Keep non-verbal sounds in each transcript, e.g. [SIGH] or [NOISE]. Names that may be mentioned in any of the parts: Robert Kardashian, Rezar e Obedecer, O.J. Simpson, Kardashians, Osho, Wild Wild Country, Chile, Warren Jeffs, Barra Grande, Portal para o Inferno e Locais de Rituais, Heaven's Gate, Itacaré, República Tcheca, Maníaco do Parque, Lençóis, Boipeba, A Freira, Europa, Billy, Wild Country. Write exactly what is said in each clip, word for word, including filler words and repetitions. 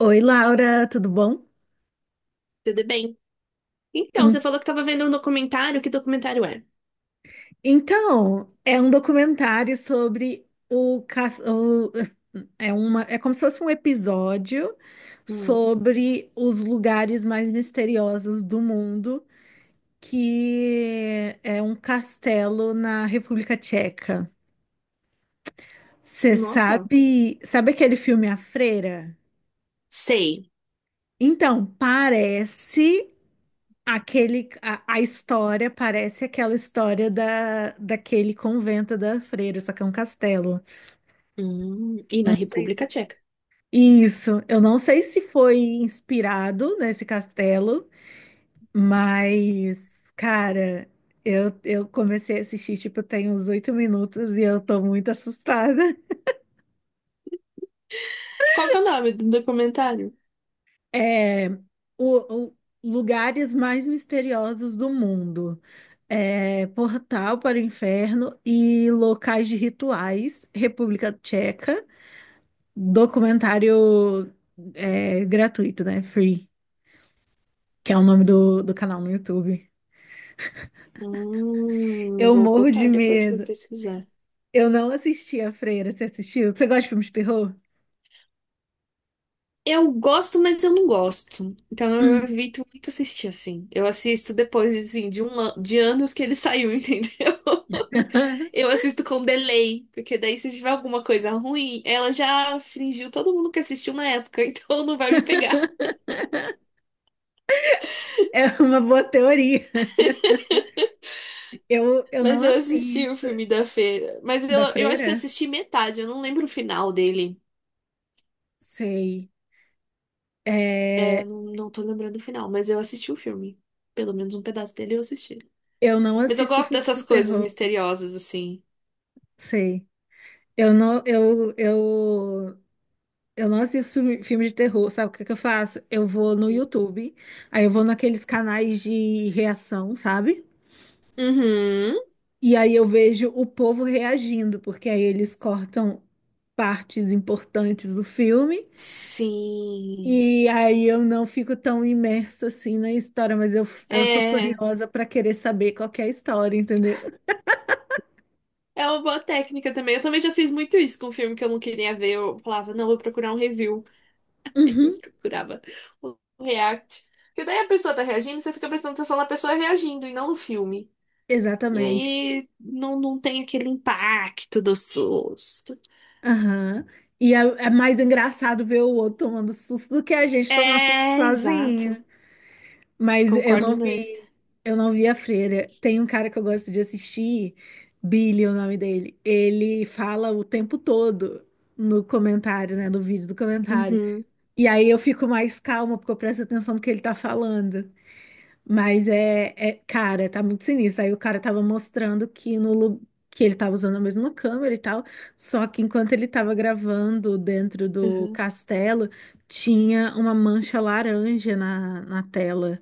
Oi, Laura, tudo bom? Tudo bem? Então, você En- falou que estava vendo um documentário. Que documentário é? Então, é um documentário sobre o, ca- o- é uma, é como se fosse um episódio Hum, sobre os lugares mais misteriosos do mundo, que é um castelo na República Tcheca. Você nossa, sabe, sabe aquele filme A Freira? sei. Então, parece Aquele, a, a história parece aquela história da, daquele convento da freira, só que é um castelo. Hum, e na Não sei República se. Tcheca. Isso, eu não sei se foi inspirado nesse castelo, mas, cara, eu, eu comecei a assistir, tipo, tem uns oito minutos e eu tô muito assustada. Qual que é o nome do documentário? É, o, o- Lugares mais misteriosos do mundo. É, Portal para o Inferno e Locais de Rituais, República Tcheca. Documentário é, gratuito, né? Free, que é o nome do, do canal no YouTube. Hum, Eu vou morro botar de depois para medo. pesquisar. Eu não assisti a Freira. Você assistiu? Você gosta de filmes de terror? Eu gosto, mas eu não gosto. Então eu Hum. evito muito assistir assim. Eu assisto depois assim, de, um, an- de anos que ele saiu, [LAUGHS] entendeu? [LAUGHS] Eu assisto com delay, porque daí se tiver alguma coisa ruim, ela já fingiu todo mundo que assistiu na época, [LAUGHS] então não vai me pegar. É uma boa teoria. Eu, eu não Mas eu assisti o assisto. filme da Feira. Mas eu, Da eu acho que eu Freira? assisti metade, eu não lembro o final dele. Sei. É, É, não, não tô lembrando o final, mas eu assisti o filme. Pelo menos um pedaço dele eu assisti. Eu não Mas eu assisto gosto filme de dessas coisas terror, misteriosas, assim. sei. Eu não, eu, eu, eu não assisto filme filme de terror. Sabe o que que eu faço? Eu vou no YouTube, aí eu vou naqueles canais de reação, sabe? Uhum. E aí eu vejo o povo reagindo, porque aí eles cortam partes importantes do filme. Sim. E aí eu não fico tão imersa assim na história, mas eu, eu sou É, curiosa para querer saber qual que é a história, entendeu? é uma boa técnica também. Eu também já fiz muito isso com um filme que eu não queria ver. Eu falava, não, vou procurar um review. [LAUGHS] Aí eu Uhum, procurava o react. Porque daí a pessoa tá reagindo, você fica prestando atenção na pessoa reagindo e não no filme. E exatamente. aí não, não tem aquele impacto do susto. Aham. E é, é mais engraçado ver o outro tomando susto do que a gente tomar susto É, sozinho. exato. Mas eu Concordo não demais. vi, eu não vi a freira. Tem um cara que eu gosto de assistir, Billy, é o nome dele. Ele fala o tempo todo no comentário, né? No vídeo do comentário. Uhum, E aí eu fico mais calma, porque eu presto atenção no que ele tá falando. Mas é, é, cara, tá muito sinistro. Aí o cara tava mostrando que no lu- que ele tava usando a mesma câmera e tal, só que enquanto ele tava gravando dentro do uhum. castelo, tinha uma mancha laranja na, na tela,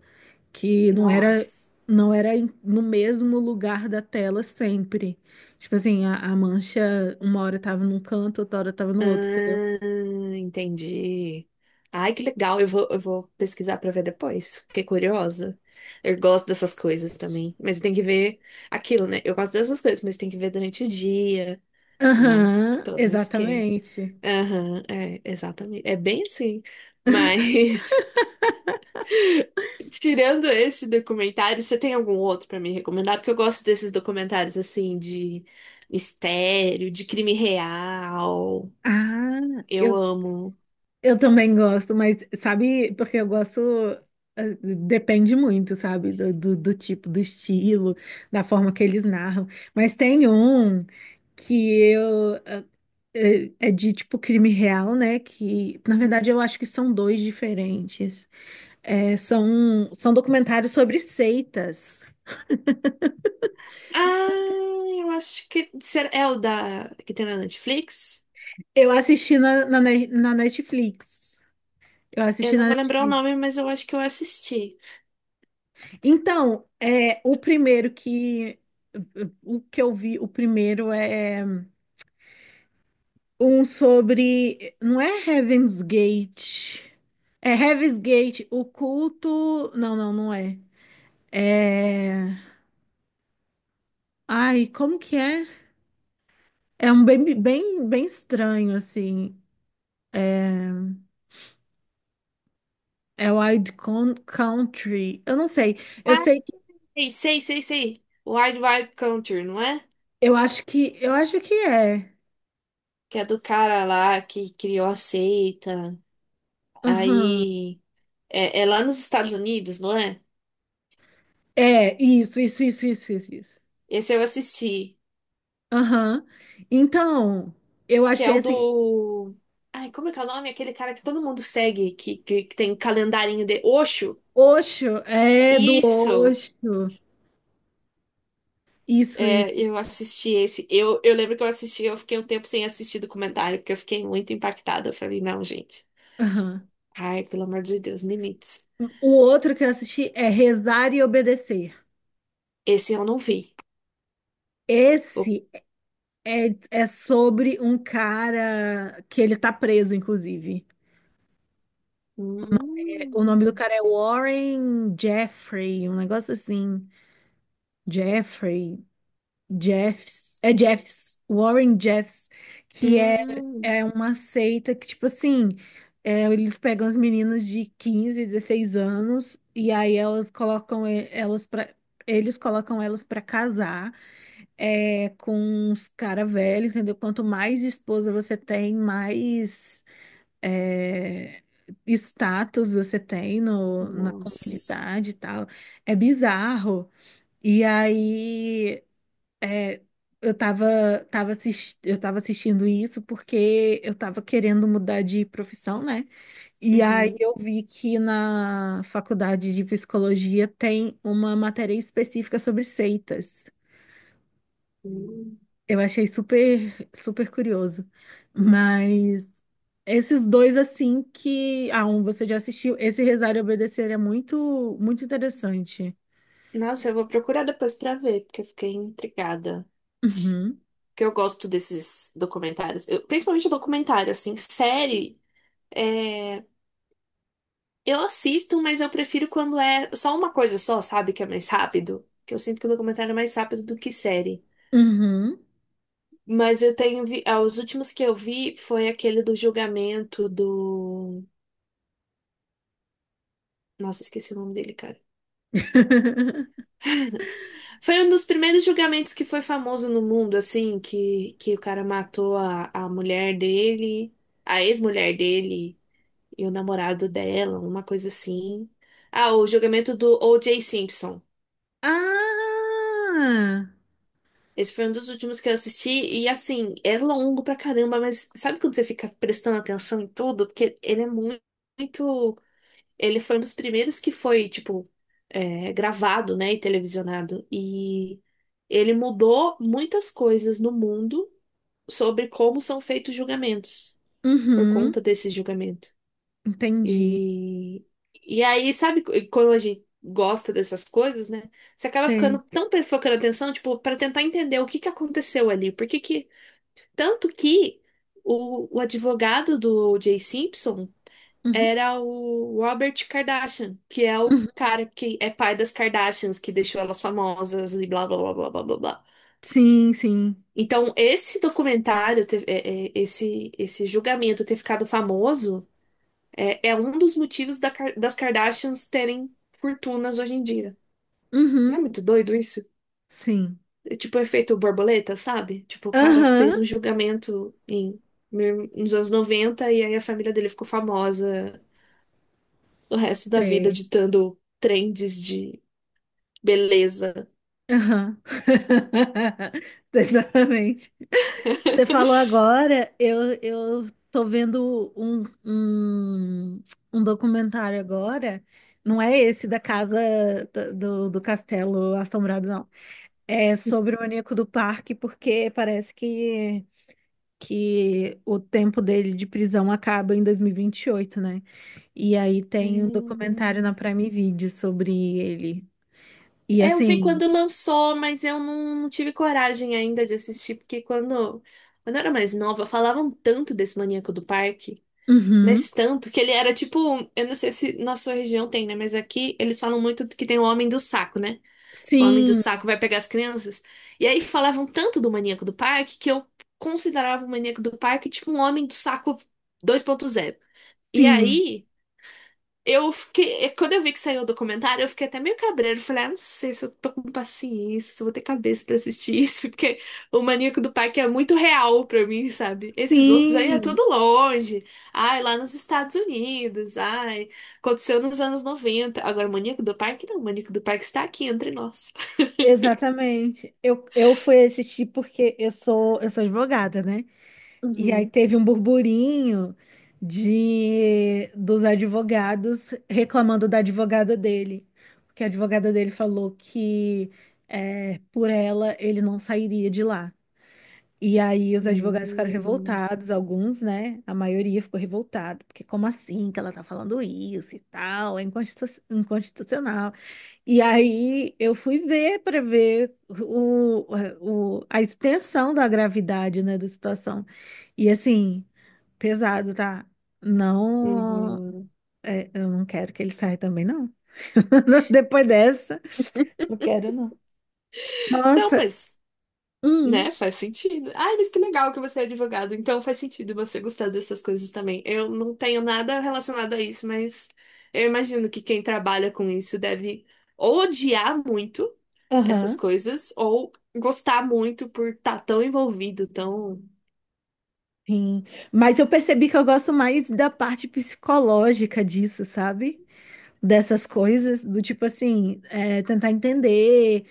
que não era Nossa. não era em- no mesmo lugar da tela sempre. Tipo assim, a, a mancha uma hora tava num canto, outra hora tava no outro, entendeu? Ah, entendi. Ai, que legal. Eu vou, eu vou pesquisar para ver depois. Fiquei curiosa. Eu gosto dessas coisas também. Mas tem que ver aquilo, né? Eu gosto dessas coisas, mas tem que ver durante o dia, né? Aham, Todo um esquema. exatamente. Aham, é, exatamente. É bem assim. Mas. [LAUGHS] Tirando este documentário, você tem algum outro pra me recomendar? Porque eu gosto desses documentários assim de mistério, de crime real. Ah, Eu eu amo. Eu também gosto, mas sabe, porque eu gosto, eh, depende muito, sabe, do, do, do tipo, do estilo, da forma que eles narram. Mas tem um que eu, eh, é de tipo crime real, né? Que na verdade Uhum. eu acho que são dois diferentes. É, são, são documentários sobre seitas. Ah, eu acho que será- é o da que tem na Netflix. Eu assisti na, na, Ne- na Netflix. Eu Eu assisti não na vou lembrar o Netflix. nome, mas eu acho que eu assisti. Então, é, o primeiro que o que eu vi, o primeiro é um sobre, não é Heaven's Gate. É Heaven's Gate, o culto. Não, não, não é. É. Ai, como que é? É um bem, bem, bem estranho, assim. É Wild Con- Country. Eu não sei. Eu Ah, sei que. sei, sei, sei. sei. Wild Wild Country, não é? Eu acho que. Eu acho que é. Que é do cara lá que criou a seita. Aham. Aí é, é lá nos Estados Unidos, não é? É, isso, isso, isso, isso, isso, isso. Esse eu assisti. Aham. Então, eu Que é achei o assim, do. Ai, como é que é o nome? Aquele cara que todo mundo segue, que, que, que tem calendarinho de Osho. Osho, é do Isso! Osho. Isso, É, isso. eu assisti esse. Eu, eu lembro que eu assisti, eu fiquei um tempo sem assistir documentário, porque eu fiquei muito impactada. Eu falei, não, gente. Aham. Ai, pelo amor de Deus, limites. O outro que eu assisti é Rezar e Obedecer. Esse eu não vi. Eu- Esse é, é sobre um cara que ele tá preso, inclusive. É, o nome do Hum, cara é Warren Jeffrey, um negócio assim. Jeffrey. Jeffs, é Jeffs, Warren Jeffs, que é, hum, é uma seita que, tipo assim, é, eles pegam as meninas de quinze, dezesseis anos e aí elas colocam e- elas pra eles colocam elas pra casar, é, com uns cara velho, entendeu? Quanto mais esposa você tem, mais é, status você tem no, na nossa. comunidade e tal. É bizarro. E aí eu tava, tava assis- eu tava assistindo isso porque eu tava querendo mudar de profissão, né? E aí Uhum. eu vi que na faculdade de psicologia tem uma matéria específica sobre seitas. Hum. Eu achei super, super curioso. Mas esses dois, assim, que... Ah, um você já assistiu. Esse Rezar e Obedecer é muito, muito interessante. Nossa, eu vou procurar depois pra ver, porque eu fiquei intrigada. Uhum. Que eu gosto desses documentários. Eu- principalmente documentário, assim, série. É, eu assisto, mas eu prefiro quando é só uma coisa só, sabe? Que é mais rápido. Que eu sinto que o documentário é mais rápido do que série. Uhum. Mas eu tenho vi... ah, os últimos que eu vi foi aquele do julgamento do. Nossa, esqueci o nome dele, cara. [LAUGHS] Foi um dos primeiros julgamentos que foi famoso no mundo, assim, que, que o cara matou a, a mulher dele, a ex-mulher dele, e o namorado dela, uma coisa assim. Ah, o julgamento do O J. Simpson. Ah! Esse foi um dos últimos que eu assisti, e assim, é longo pra caramba, mas sabe quando você fica prestando atenção em tudo? Porque ele é muito. muito- Ele foi um dos primeiros que foi, tipo, é, gravado, né, e televisionado. E ele mudou muitas coisas no mundo sobre como são feitos julgamentos, por Uhum. conta desses julgamentos. Entendi. E, e aí, sabe, qu- quando a gente gosta dessas coisas, né? Você acaba Sei. ficando tão pre- focando atenção, tipo, para tentar entender o que que aconteceu ali. Por que que. Tanto que o, o advogado do O J. Simpson Uhum. era o Robert Kardashian, que é o Uhum. cara que é pai das Kardashians, que deixou elas famosas e blá blá blá blá blá blá. blá. Sim, sim. Então, esse documentário, ter- é, é, esse, esse julgamento ter ficado famoso. É, é um dos motivos da Kar- das Kardashians terem fortunas hoje em dia. Não é Uhum. muito doido isso? Sim. É tipo o efeito borboleta, sabe? Tipo, o cara Aham. fez um julgamento em, mil- nos anos noventa e aí a família dele ficou famosa o resto da vida Sei. ditando trends de beleza. Aham. [LAUGHS] Exatamente. Você [LAUGHS] falou agora, eu, eu tô vendo um, um, um documentário agora. Não é esse da casa da- do, do Castelo Assombrado, não. É sobre o Maníaco do Parque, porque parece que, que o tempo dele de prisão acaba em dois mil e e vinte e oito, né? E aí tem um documentário Hum. na Prime Video sobre ele. E É, eu vi assim, quando lançou, mas eu não, não tive coragem ainda de assistir, porque quando, quando eu era mais nova, falavam tanto desse Maníaco do Parque. uhum, Mas tanto que ele era tipo, eu não sei se na sua região tem, né? Mas aqui eles falam muito que tem o homem do saco, né? O homem do sim, saco vai pegar as crianças. E aí falavam tanto do maníaco do parque que eu considerava o maníaco do parque tipo um homem do saco dois ponto zero. E sim, aí eu fiquei. é, Quando eu vi que saiu o documentário, eu fiquei até meio cabreiro. Falei, ah, não sei se eu tô com paciência, se eu vou ter cabeça pra assistir isso, [LAUGHS] porque o Maníaco do Parque é muito real pra mim, sabe? Esses outros aí é sim, tudo longe. Ai, lá nos Estados Unidos. Ai, aconteceu nos anos noventa. Agora, o Maníaco do Parque não. O Maníaco do Parque está aqui entre nós. exatamente. Eu, eu fui assistir porque eu sou, eu sou advogada, né? E aí Uhum. teve um burburinho de dos advogados reclamando da advogada dele, porque a advogada dele falou que é, por ela ele não sairia de lá. E aí os advogados ficaram Hum. revoltados, alguns, né? A maioria ficou revoltada, porque como assim que ela tá falando isso e tal? É inconstitu- inconstitucional. E aí eu fui ver para ver o, o- a extensão da gravidade, né, da situação. E assim, pesado, tá? Não, Uhum. é, eu não quero que ele saia também, não. [LAUGHS] Depois dessa, não quero, não. Não, Nossa, mas né? hum, Faz sentido. Ai, mas que legal que você é advogado. Então faz sentido você gostar dessas coisas também. Eu não tenho nada relacionado a isso, mas eu imagino que quem trabalha com isso deve ou odiar muito essas aham. coisas ou gostar muito por estar tão envolvido, tão. Sim, mas eu percebi que eu gosto mais da parte psicológica disso, sabe? Dessas coisas, do tipo assim, é, tentar entender,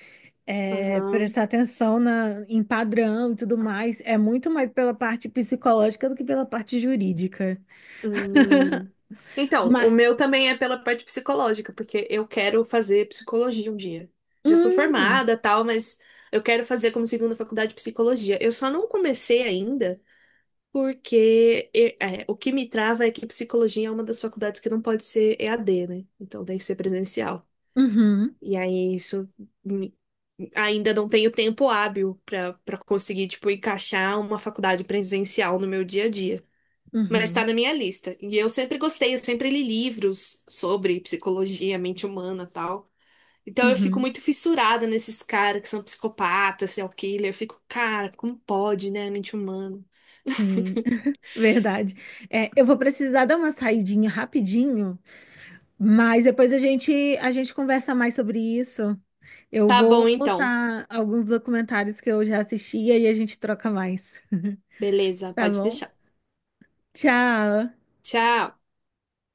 é, Aham. prestar atenção na, em padrão e tudo mais. É muito mais pela parte psicológica do que pela parte jurídica. Hum. Então, o Mas, meu também é pela parte psicológica, porque eu quero fazer psicologia um dia. Já sou hum, formada, tal, mas eu quero fazer como segunda faculdade de psicologia. Eu só não comecei ainda. Porque e- é, o que me trava é que psicologia é uma das faculdades que não pode ser E A D, né? Então tem que ser presencial. uhum, E aí isso me- ainda não tenho tempo hábil para para conseguir tipo encaixar uma faculdade presencial no meu dia a dia. Mas uhum, está na minha lista. E eu sempre gostei, eu sempre li livros sobre psicologia, mente humana, tal. Então eu fico uhum, muito fissurada nesses caras que são psicopatas, serial killer. Eu fico, cara, como pode, né, a mente humana? sim, [LAUGHS] [LAUGHS] verdade. É, eu vou precisar dar uma saidinha rapidinho, mas depois a gente, a gente conversa mais sobre isso. Eu Tá bom, vou então. botar alguns documentários que eu já assisti e aí a gente troca mais, Beleza, tá pode bom? deixar. Tchau! Tchau!